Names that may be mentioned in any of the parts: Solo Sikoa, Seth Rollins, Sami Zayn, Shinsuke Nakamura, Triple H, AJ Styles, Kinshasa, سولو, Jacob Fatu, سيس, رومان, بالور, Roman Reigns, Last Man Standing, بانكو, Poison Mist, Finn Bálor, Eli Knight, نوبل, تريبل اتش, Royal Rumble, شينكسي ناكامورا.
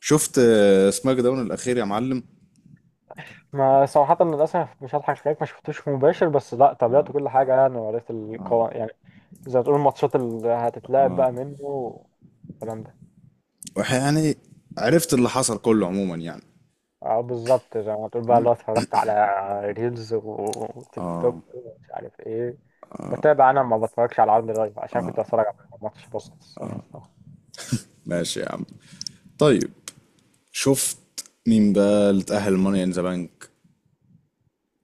شفت سماك داون الاخير يا معلم. ما صراحة للأسف مش هضحك عليك، ما شفتوش مباشر بس لا، تابعت كل حاجة يعني وعرفت القوانين يعني. زي ما تقول، الماتشات اللي هتتلعب بقى منه والكلام ده. يعني عرفت اللي حصل كله عموما يعني. اه بالظبط، زي ما تقول بقى، ما- لو اتفرجت على ريلز وتيك توك ومش عارف ايه. بتابع، انا ما بتفرجش على عرض لايف عشان كنت اتفرج على ماتش بسيط الصراحة. ماشي يا عم. طيب، شفت مين بقى اللي اتأهل ماني ان ذا بانك؟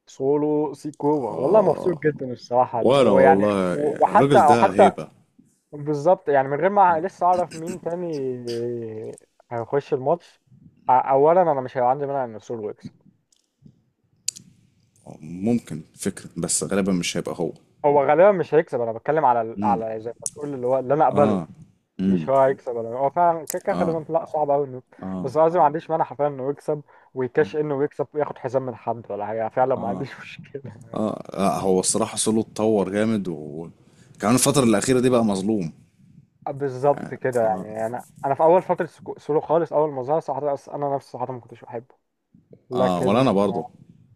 سولو سيكوبا، والله مبسوط جدا الصراحة، وانا ويعني والله وحتى الراجل او ده حتى هيبة. بالظبط، يعني من غير ما لسه اعرف مين تاني هيخش الماتش. اولا انا مش هيبقى عندي مانع ان ارسنال يكسب. ممكن فكرة بس غالبا مش هيبقى هو. هو غالبا مش هيكسب، انا بتكلم على على زي ما تقول، اللي هو اللي انا اقبله. مش هو هيكسب، انا هو فعلا كده كده غالبا، لا صعب قوي انه، بس قصدي ما عنديش مانع حرفيا انه يكسب. ويكاش انه يكسب وياخد حزام من حد ولا حاجه، فعلا ما عنديش مشكله. اه لا، هو الصراحة سولو اتطور جامد، وكمان الفترة الأخيرة دي بقى مظلوم. بالظبط كده، يعني انا في اول فتره سولو خالص، اول ما ظهر صراحه، انا نفسي صراحه ما كنتش بحبه، اه، ولا لكن أنا برضه.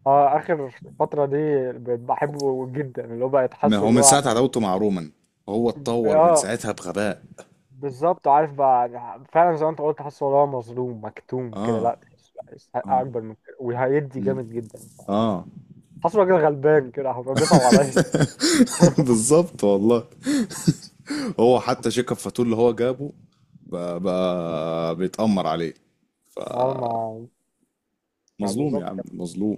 اه، اخر فترة دي بقيت بحبه جدا، اللي هو بقى ما تحسه هو اللي من هو، ساعة عداوته مع رومان، هو اتطور من اه ساعتها بغباء. بالظبط، عارف بقى. فعلا زي ما انت قلت، تحسه اللي هو مظلوم مكتوم كده، لا تحسه، لا، يستحق اكبر من كده وهيدي جامد جدا. اه. حاسه راجل غلبان كده، حرفيا بيصعب عليا. بالظبط والله. هو حتى شيكاب فاتور اللي هو جابه بقى بيتأمر عليه. اه ما مظلوم يا بالظبط عم، كان، مظلوم.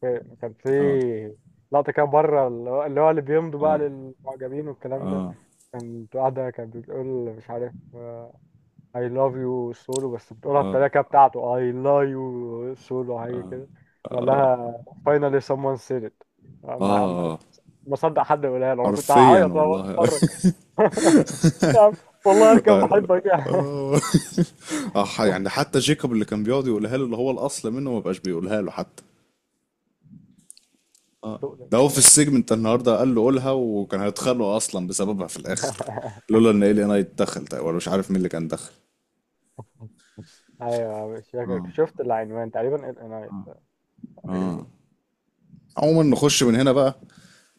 في كان اه، في لقطة كده بره، اللي بيمضوا بقى اه، للمعجبين والكلام ده. كانت واحدة كانت بتقول، مش عارف، I love you سولو، بس بتقولها اه، بطريقة كده بتاعته، I love you سولو، حاجة كده. قال لها finally someone said it. ما ما اه، ما صدق حد يقولها له، انا كنت حرفيا هعيط وانا والله. بتفرج. يا عم، والله انا كان بحبك يعني. اه. آه، يعني حتى جيكوب اللي كان بيقعد يقولها له اللي هو الاصل منه، ما بقاش بيقولها له حتى. اه، تؤلم ده هو في بصراحة. السجن انت النهارده قال له قولها، وكان هيتخانقوا اصلا بسببها في الاخر. لولا ان الي نايت دخل ده، ولا مش عارف مين اللي كان دخل. ايوه، مش فاكر، اه، شفت العنوان تقريبا، ال ان اي اه. تقريبا. عموما نخش من هنا بقى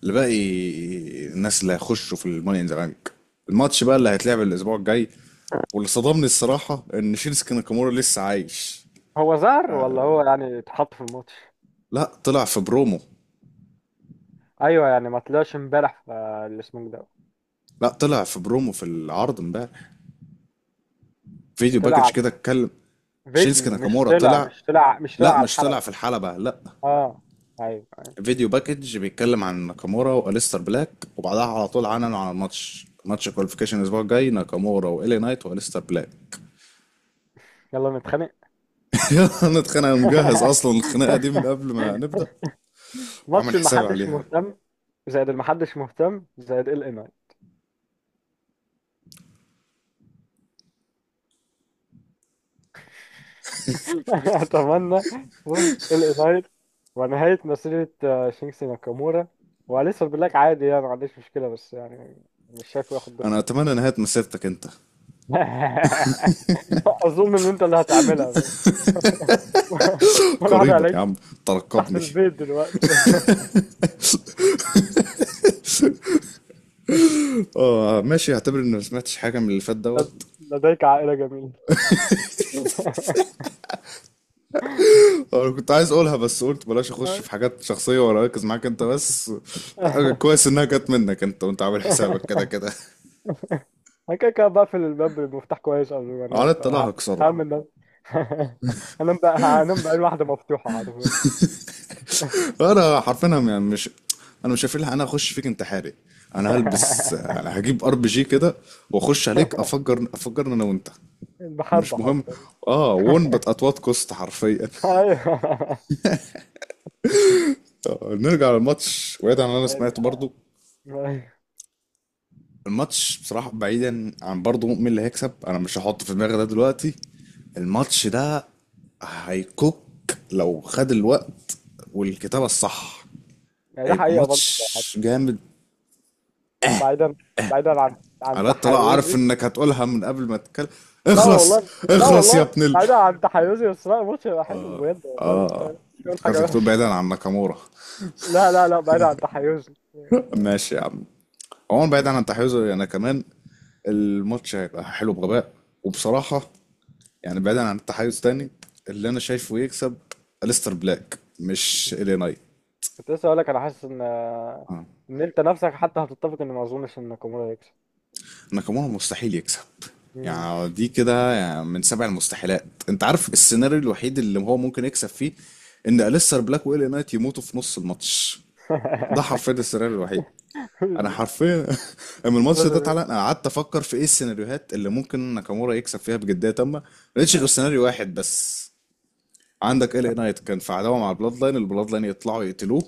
لباقي الناس اللي هيخشوا في الماني ان ذا بانك. الماتش بقى اللي هيتلعب الاسبوع الجاي، واللي صدمني الصراحه ان شينسكي ناكامورا لسه عايش. هو ظهر ولا هو يعني اتحط في الماتش؟ لا، طلع في برومو. ايوه يعني، ما طلعش امبارح في الاسمه ده. لا، طلع في برومو في العرض امبارح. فيديو طلع باكج على كده اتكلم. شينسكي فيديو؟ مش ناكامورا طلع طلع. مش طلع مش طلع لا، على مش طلع في الحلقة. الحلبة، لا. اه، ايوه أيوة. فيديو باكج بيتكلم عن ناكامورا واليستر بلاك، وبعدها على طول عننوا على الماتش، ماتش كواليفيكيشن الاسبوع الجاي، ناكامورا والي نايت واليستر بلاك. يلا نتخانق. انا اتخانق، أنا مجهز اصلا الخناقه دي من قبل ما نبدا، وعامل ماتش حسابي المحدش عليها. مهتم، زائد المحدش مهتم، زائد ال ان اي. اتمنى فوز ال ان اي ونهاية مسيرة شينكسي ناكامورا، وأليسا بالله عادي يعني، ما عنديش مشكلة بس يعني مش شايفه ياخد دور انا كبير. اتمنى نهايه مسيرتك انت. أظن إن أنت اللي هتعملها بس. ولا حد قريبا عليك، يا عم، تحت ترقبني. البيت دلوقتي. اه ماشي، اعتبر اني ما سمعتش حاجه من اللي فات دوت. لديك عائلة جميلة. آه، انا كنت عايز اقولها، بس قلت بلاش اخش في حاجات شخصيه واركز معاك انت بس. آه، كويس انها جت منك انت، وانت عامل حسابك كده كده. انا كده كده بقفل الباب بالمفتاح كويس قبل ما انام، على الطلاق هكسره. فهعمل النوم. هنام بقى، هنام بقى، الواحدة مفتوحة حرفيا. انا حرفيا يعني مش، انا مش هفيلها، انا اخش فيك انتحاري. انا هلبس، أنا هجيب ار بي جي كده، واخش عليك افجرنا انا وانت. مش المحبة مهم. حرفيا. اه، وون بت ات وات كوست حرفيا. ايوه آه، نرجع للماتش وبعيد عن اللي انا سمعته برضو. أيوة. الماتش بصراحة بعيدا عن برضو مين اللي هيكسب، انا مش هحط في دماغي ده دلوقتي. الماتش ده هيكوك لو خد الوقت والكتابة الصح، يعني ده هيبقى حقيقة برضه صراحة. ماتش جامد. بعيدا بعيدا عن على الطلاق عارف تحيزي. انك هتقولها من قبل ما تتكلم. لا اخرس! والله، لا اخرس يا والله، ابن ال... بعيدا عن تحيزي، بس لا، الماتش هيبقى حلو بجد والله، مش هقول حاجة افتكرتك بتقول وحشة. بعيدا عن ناكامورا. لا، لا، لا، بعيدا عن تحيزي. ماشي يا عم. عموما بعيدا عن تحيزه انا كمان، الماتش هيبقى حلو بغباء. وبصراحة، يعني بعيدا عن التحيز تاني، اللي انا شايفه يكسب أليستر بلاك مش إلي نايت. كنت لسه اقول لك، انا حاسس ان انت نفسك حتى هتتفق ان ما اظنش ان ناكامورا هيكسب. ناكامورا مستحيل يكسب. مم. يعني دي كده يعني من سبع المستحيلات. انت عارف السيناريو الوحيد اللي هو ممكن يكسب فيه؟ ان أليستر بلاك وإلي نايت يموتوا في نص الماتش. ده حرفيا السيناريو الوحيد. انا حرفيا لما الماتش بس ده اتعلق انا قعدت افكر في ايه السيناريوهات اللي ممكن ناكامورا يكسب فيها بجديه تامه، ما لقيتش غير سيناريو واحد بس. عندك إلي نايت كان في عداوه مع البلاد لاين، البلاد لاين يطلعوا يقتلوه.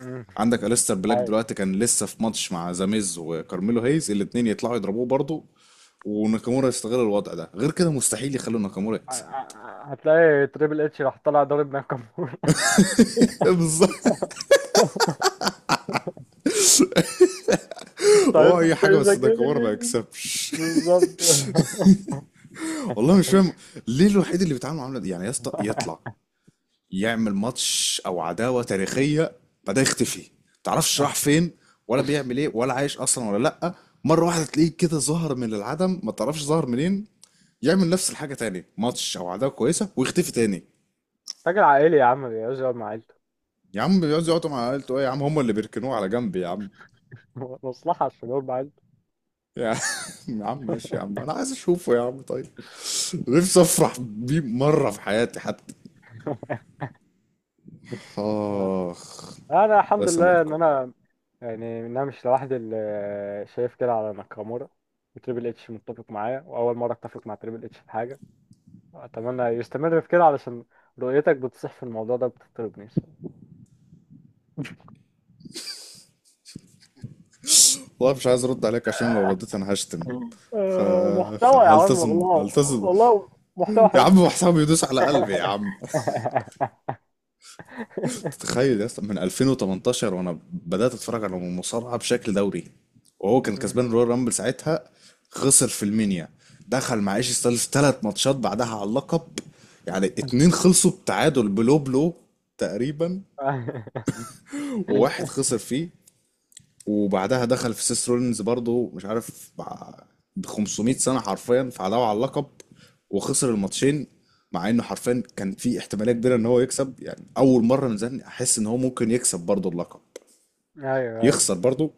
مم. عندك أليستر بلاك عارف دلوقتي كان لسه في ماتش مع زاميز وكارميلو هيز، الاتنين يطلعوا يضربوه برضه. وناكامورا يستغل الوضع ده. غير كده مستحيل يخلوا ناكامورا يكسب. هتلاقي تريبل اتش راح طالع ضارب ناكامورا. بالظبط. هو اي حاجه ستايل، بس ناكامورا ما سكين، يكسبش. بالظبط. والله مش فاهم ليه الوحيد اللي بيتعامل معامله دي. يعني يا اسطى يطلع يعمل ماتش او عداوه تاريخيه، بعدها يختفي. تعرفش راح فين ولا بيعمل ايه ولا عايش اصلا ولا لا. مره واحده تلاقيه كده ظهر من العدم ما تعرفش ظهر منين، يعمل نفس الحاجه تاني، ماتش او عداوه كويسه ويختفي تاني. راجل عائلي يا عم، بيقعد مع عيلته. يا عم بيقعدوا مع عيلته ايه يا عم؟ هم اللي بيركنوه على جنب يا عم. مصلحة عشان يقعد مع عيلته. يا عم يا عم ماشي يا عم، انا عايز اشوفه يا عم، طيب. نفسي افرح بيه مره في حياتي حتى. اخ، انا الله الحمد لله ان يسامحكم. انا، يعني انا مش لوحدي اللي شايف كده على ناكامورا، وتريبل اتش متفق معاه، واول مره اتفق مع تريبل اتش في حاجه. اتمنى يستمر في كده، علشان رؤيتك بتصح في الموضوع ده بتطربني. والله مش عايز ارد عليك عشان لو رديت انا هشتم، آه، فهلتزم محتوى يا عم هلتزم والله، هلتزم. والله محتوى يا حلو. عم محسن بيدوس على قلبي يا عم. تخيل يا اسطى، من 2018 وانا بدأت اتفرج على المصارعة بشكل دوري، وهو كان أمم. كسبان رويال رامبل ساعتها. خسر في المنيا، دخل مع ايش ستايلز ثلاث ماتشات بعدها على اللقب. يعني اتنين خلصوا بتعادل بلو بلو تقريبا، وواحد خسر فيه. وبعدها دخل في سيس رولينز برضه مش عارف، ب 500 سنة حرفيا فعداوا على اللقب، وخسر الماتشين. مع انه حرفيا كان في احتماليه كبيره ان هو يكسب، يعني اول مره من زمان احس ان هو ممكن يكسب برضه اللقب. ايوه، ايوه، يخسر برضو.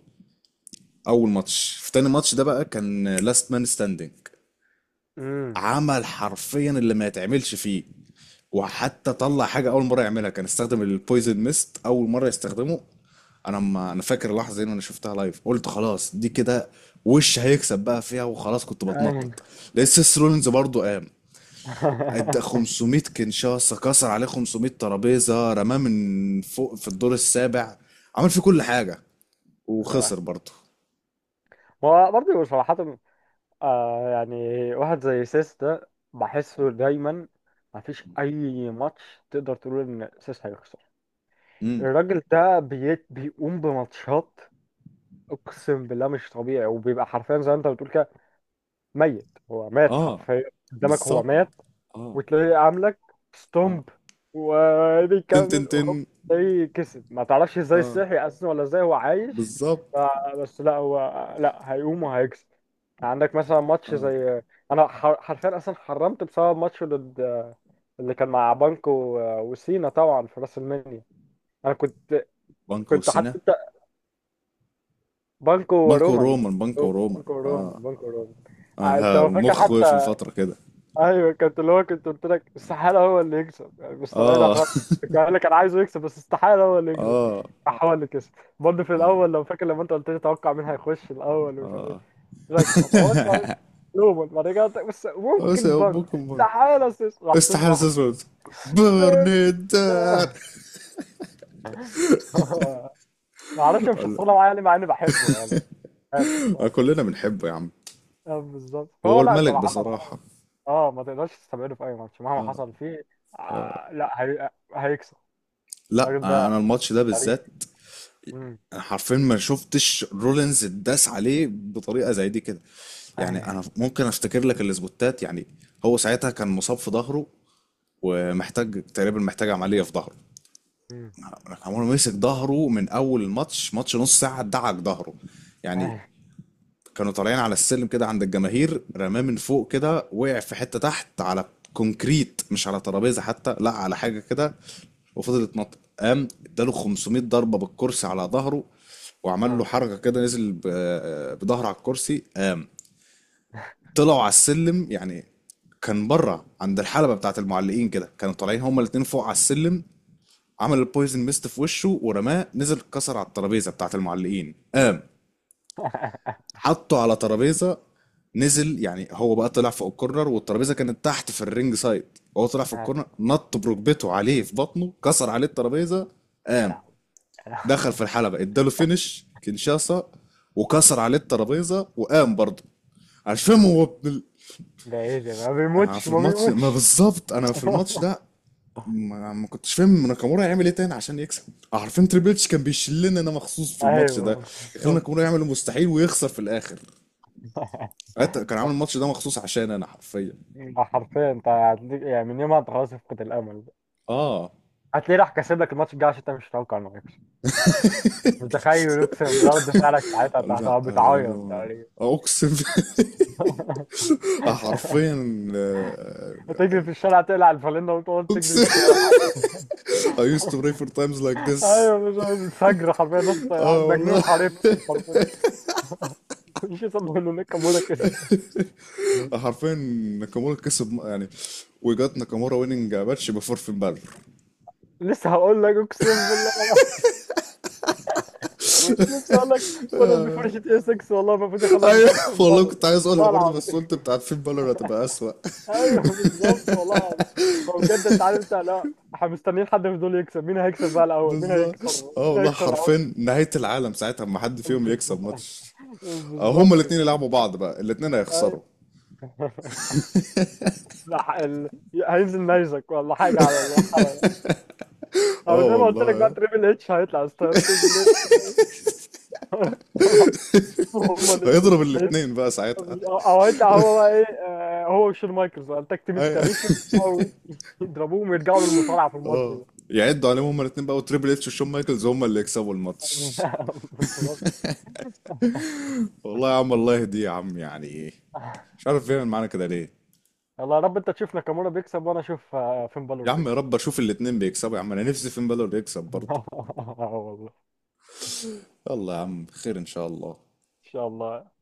اول ماتش. في تاني ماتش ده بقى كان لاست مان ستاندينج. امم، عمل حرفيا اللي ما يتعملش فيه، وحتى طلع حاجه اول مره يعملها، كان استخدم البويزن ميست اول مره يستخدمه. انا، ما انا فاكر اللحظه دي، إن انا شفتها لايف قلت خلاص دي كده وش هيكسب بقى فيها، وخلاص كنت ايوه. بتنطط. لقيت سيس رولينز برضو قام ادى 500 كنشاسه، كسر عليه 500 ترابيزه، رماه من فوق في الدور السابع، عمل فيه كل حاجه، يا لهوي. وخسر برضو. هو برضه صراحة آه يعني، واحد زي سيس ده بحسه دايما مفيش أي ماتش تقدر تقول إن سيس هيخسر. الراجل ده بيقوم بماتشات أقسم بالله مش طبيعي، وبيبقى حرفيا زي ما أنت بتقول كده، ميت، هو مات اه حرفيا قدامك، هو بالظبط. مات، اه، وتلاقيه عاملك اه، ستومب تن تن وبيكمل، تن. وهو تلاقيه كسب، ما تعرفش ازاي اه صحي أصلا، ولا ازاي هو عايش. بالظبط. بس لا، هو لا، هيقوم وهيكسب. عندك مثلا ماتش اه، زي، انا حرفيا اصلا حرمت بسبب ماتش ضد اللي كان مع بانكو و- وسينا، طبعا في راس المنيا. انا كنت بانكو كنت وسينا. حتى بانكو بانكو ورومان، رومان، بانكو رومان. بانكو اه، ورومان بانكو ورومان انت اه، ها، هو فاكر مخ وقف حتى؟ لفترة كده. ايوه، كنت اللي هو، كنت قلت لك استحاله هو اللي يكسب يعني، مستبعدها اه. خالص. كنت قايل لك انا عايزه يكسب، بس استحاله هو اللي يكسب. اه، راح هو اللي كسب. برضه في الاول لو فاكر، لما انت قلت لي توقع مين هيخش الاول ومش عارف ايه، اه. قلت لك اتوقع نوبل، بعد كده بس بس يا ممكن بنك، ابوكم استحاله سيس، راح سيس، استحالة راح. تسود بيم. برنيدان. هو- ما اعرفش، مش شخصيه معايا يعني، مع اني بحبه، يعني مش عارف الصراحه. كلنا بنحبه يا عم. آه، بالظبط، هو فهو لا الملك صراحه. بصراحة. اه، ما تقدرش تستبعده في اي ماتش مهما حصل فيه. آه، لا هيكسب. لا، الراجل ده انا الماتش ده تاريخ. بالذات، امم، حرفيا ما شفتش رولينز اتداس عليه بطريقه زي دي كده. يعني ايوه، انا ممكن افتكر لك الاسبوتات يعني. هو ساعتها كان مصاب في ظهره، ومحتاج تقريبا، محتاج عمليه في ظهره. امم، ناكامورا مسك ظهره من اول الماتش، ماتش نص ساعه ادعك ظهره يعني. ايوه، كانوا طالعين على السلم كده عند الجماهير، رماه من فوق كده، وقع في حتة تحت على كونكريت مش على ترابيزة حتى، لا على حاجة كده. وفضل يتنطط، قام اداله 500 ضربة بالكرسي على ظهره، وعمل له أمم. حركة كده نزل بظهره على الكرسي، قام. طلعوا على السلم يعني، كان بره عند الحلبة بتاعة المعلقين كده، كانوا طالعين هما الاتنين فوق على السلم. عمل البويزن ميست في وشه ورماه، نزل اتكسر على الترابيزة بتاعة المعلقين، قام. حطه على ترابيزه، نزل يعني هو بقى طلع فوق الكورنر والترابيزه كانت تحت في الرينج سايد، هو طلع في الكورنر نط بركبته عليه في بطنه، كسر عليه الترابيزه، يا قام. لهوي، يا لهوي، دخل في الحلبه اداله فينش كينشاسا، وكسر عليه الترابيزه وقام برضه. مش يا فاهم لهوي. هو ابن ال... ده ايه ده؟ ما آه، في بيموتش، ما الماتش ما بيموتش. بالظبط، انا في الماتش ده ما كنتش فاهم ناكامورا هيعمل ايه تاني عشان يكسب. عارفين تريبل اتش كان بيشلنا انا مخصوص في الماتش ده، ايوه يخلي بالظبط. ناكامورا يعمل المستحيل ويخسر في الاخر. حتى كان عامل الماتش ده مخصوص عشان انا حرفيا، ده حرفيا، انت يعني من يومها انت خلاص فقد الامل بقى. اه. هتلاقيه راح كاسب لك الماتش الجاي عشان انت مش متوقع انه هيكسب. متخيل، اقسم بالله رد فعلك ساعتها، انت لا، هتبقى بتعيط تقريبا. اقسم. حرفيا، آه، هتجري في الشارع، تقلع الفالينة وتقعد تجري في اقسم. الشارع. I used to pray for times like this. ايوه، مش عارف، الفجر حرفيا، نص اه مجنون والله حاربكم حرفيا. مش يسمعوا له، ناكامورا كسب. حرفيا. ناكامورا كسب يعني. We got ناكامورا winning ماتش before فين بالور. لسه هقول لك، اقسم بالله. لسه هقول لك، بدل بفرشة اي 6، والله المفروض يخلوها ايوه بفرشة والله، فالور. كنت عايز اقولها والله برضه بس العظيم. قلت بتاعت فين بالور هتبقى اسوأ. ايوه بالظبط، والله العظيم. هو بجد، انت عارف، انت لا، احنا مستنيين حد من دول يكسب، مين هيكسب بقى الاول، مين بالظبط. هيكسر اه مين والله هيكسر العقد؟ حرفيا نهاية العالم ساعتها اما حد فيهم يكسب ماتش. آه، هما بالظبط كده. الاتنين يلعبوا بعض بقى الاتنين ايوه. هيخسروا. لا هينزل نيزك ولا حاجه على الحلقه، او اه زي ما قلت لك بقى، والله، تريبل اتش هيطلع ستايم تو بلاي. هما الاتنين، هيضرب هيطلع- الاثنين بقى ساعتها. او هيطلع هو بقى ايه، هو وشون مايكلز بقى، التاج تيم التاريخي. أي- او يضربوهم ويرجعوا للمصارعه في الماتش اه، ده. يعدوا عليهم هما الاثنين بقى، وتريبل اتش وشون مايكلز هما اللي يكسبوا الماتش. بالظبط. والله يا عم الله يهديه يا عم، يعني ايه؟ مش عارف بيعمل معانا كده ليه. يلا يا رب، انت تشوف ناكامورا بيكسب، وانا اشوف فين بالور يا عم يا بيكسب. رب اشوف الاثنين بيكسبوا يا عم، انا نفسي فين بالور يكسب برضه. اه والله، يلا يا عم خير ان شاء الله. ان شاء الله.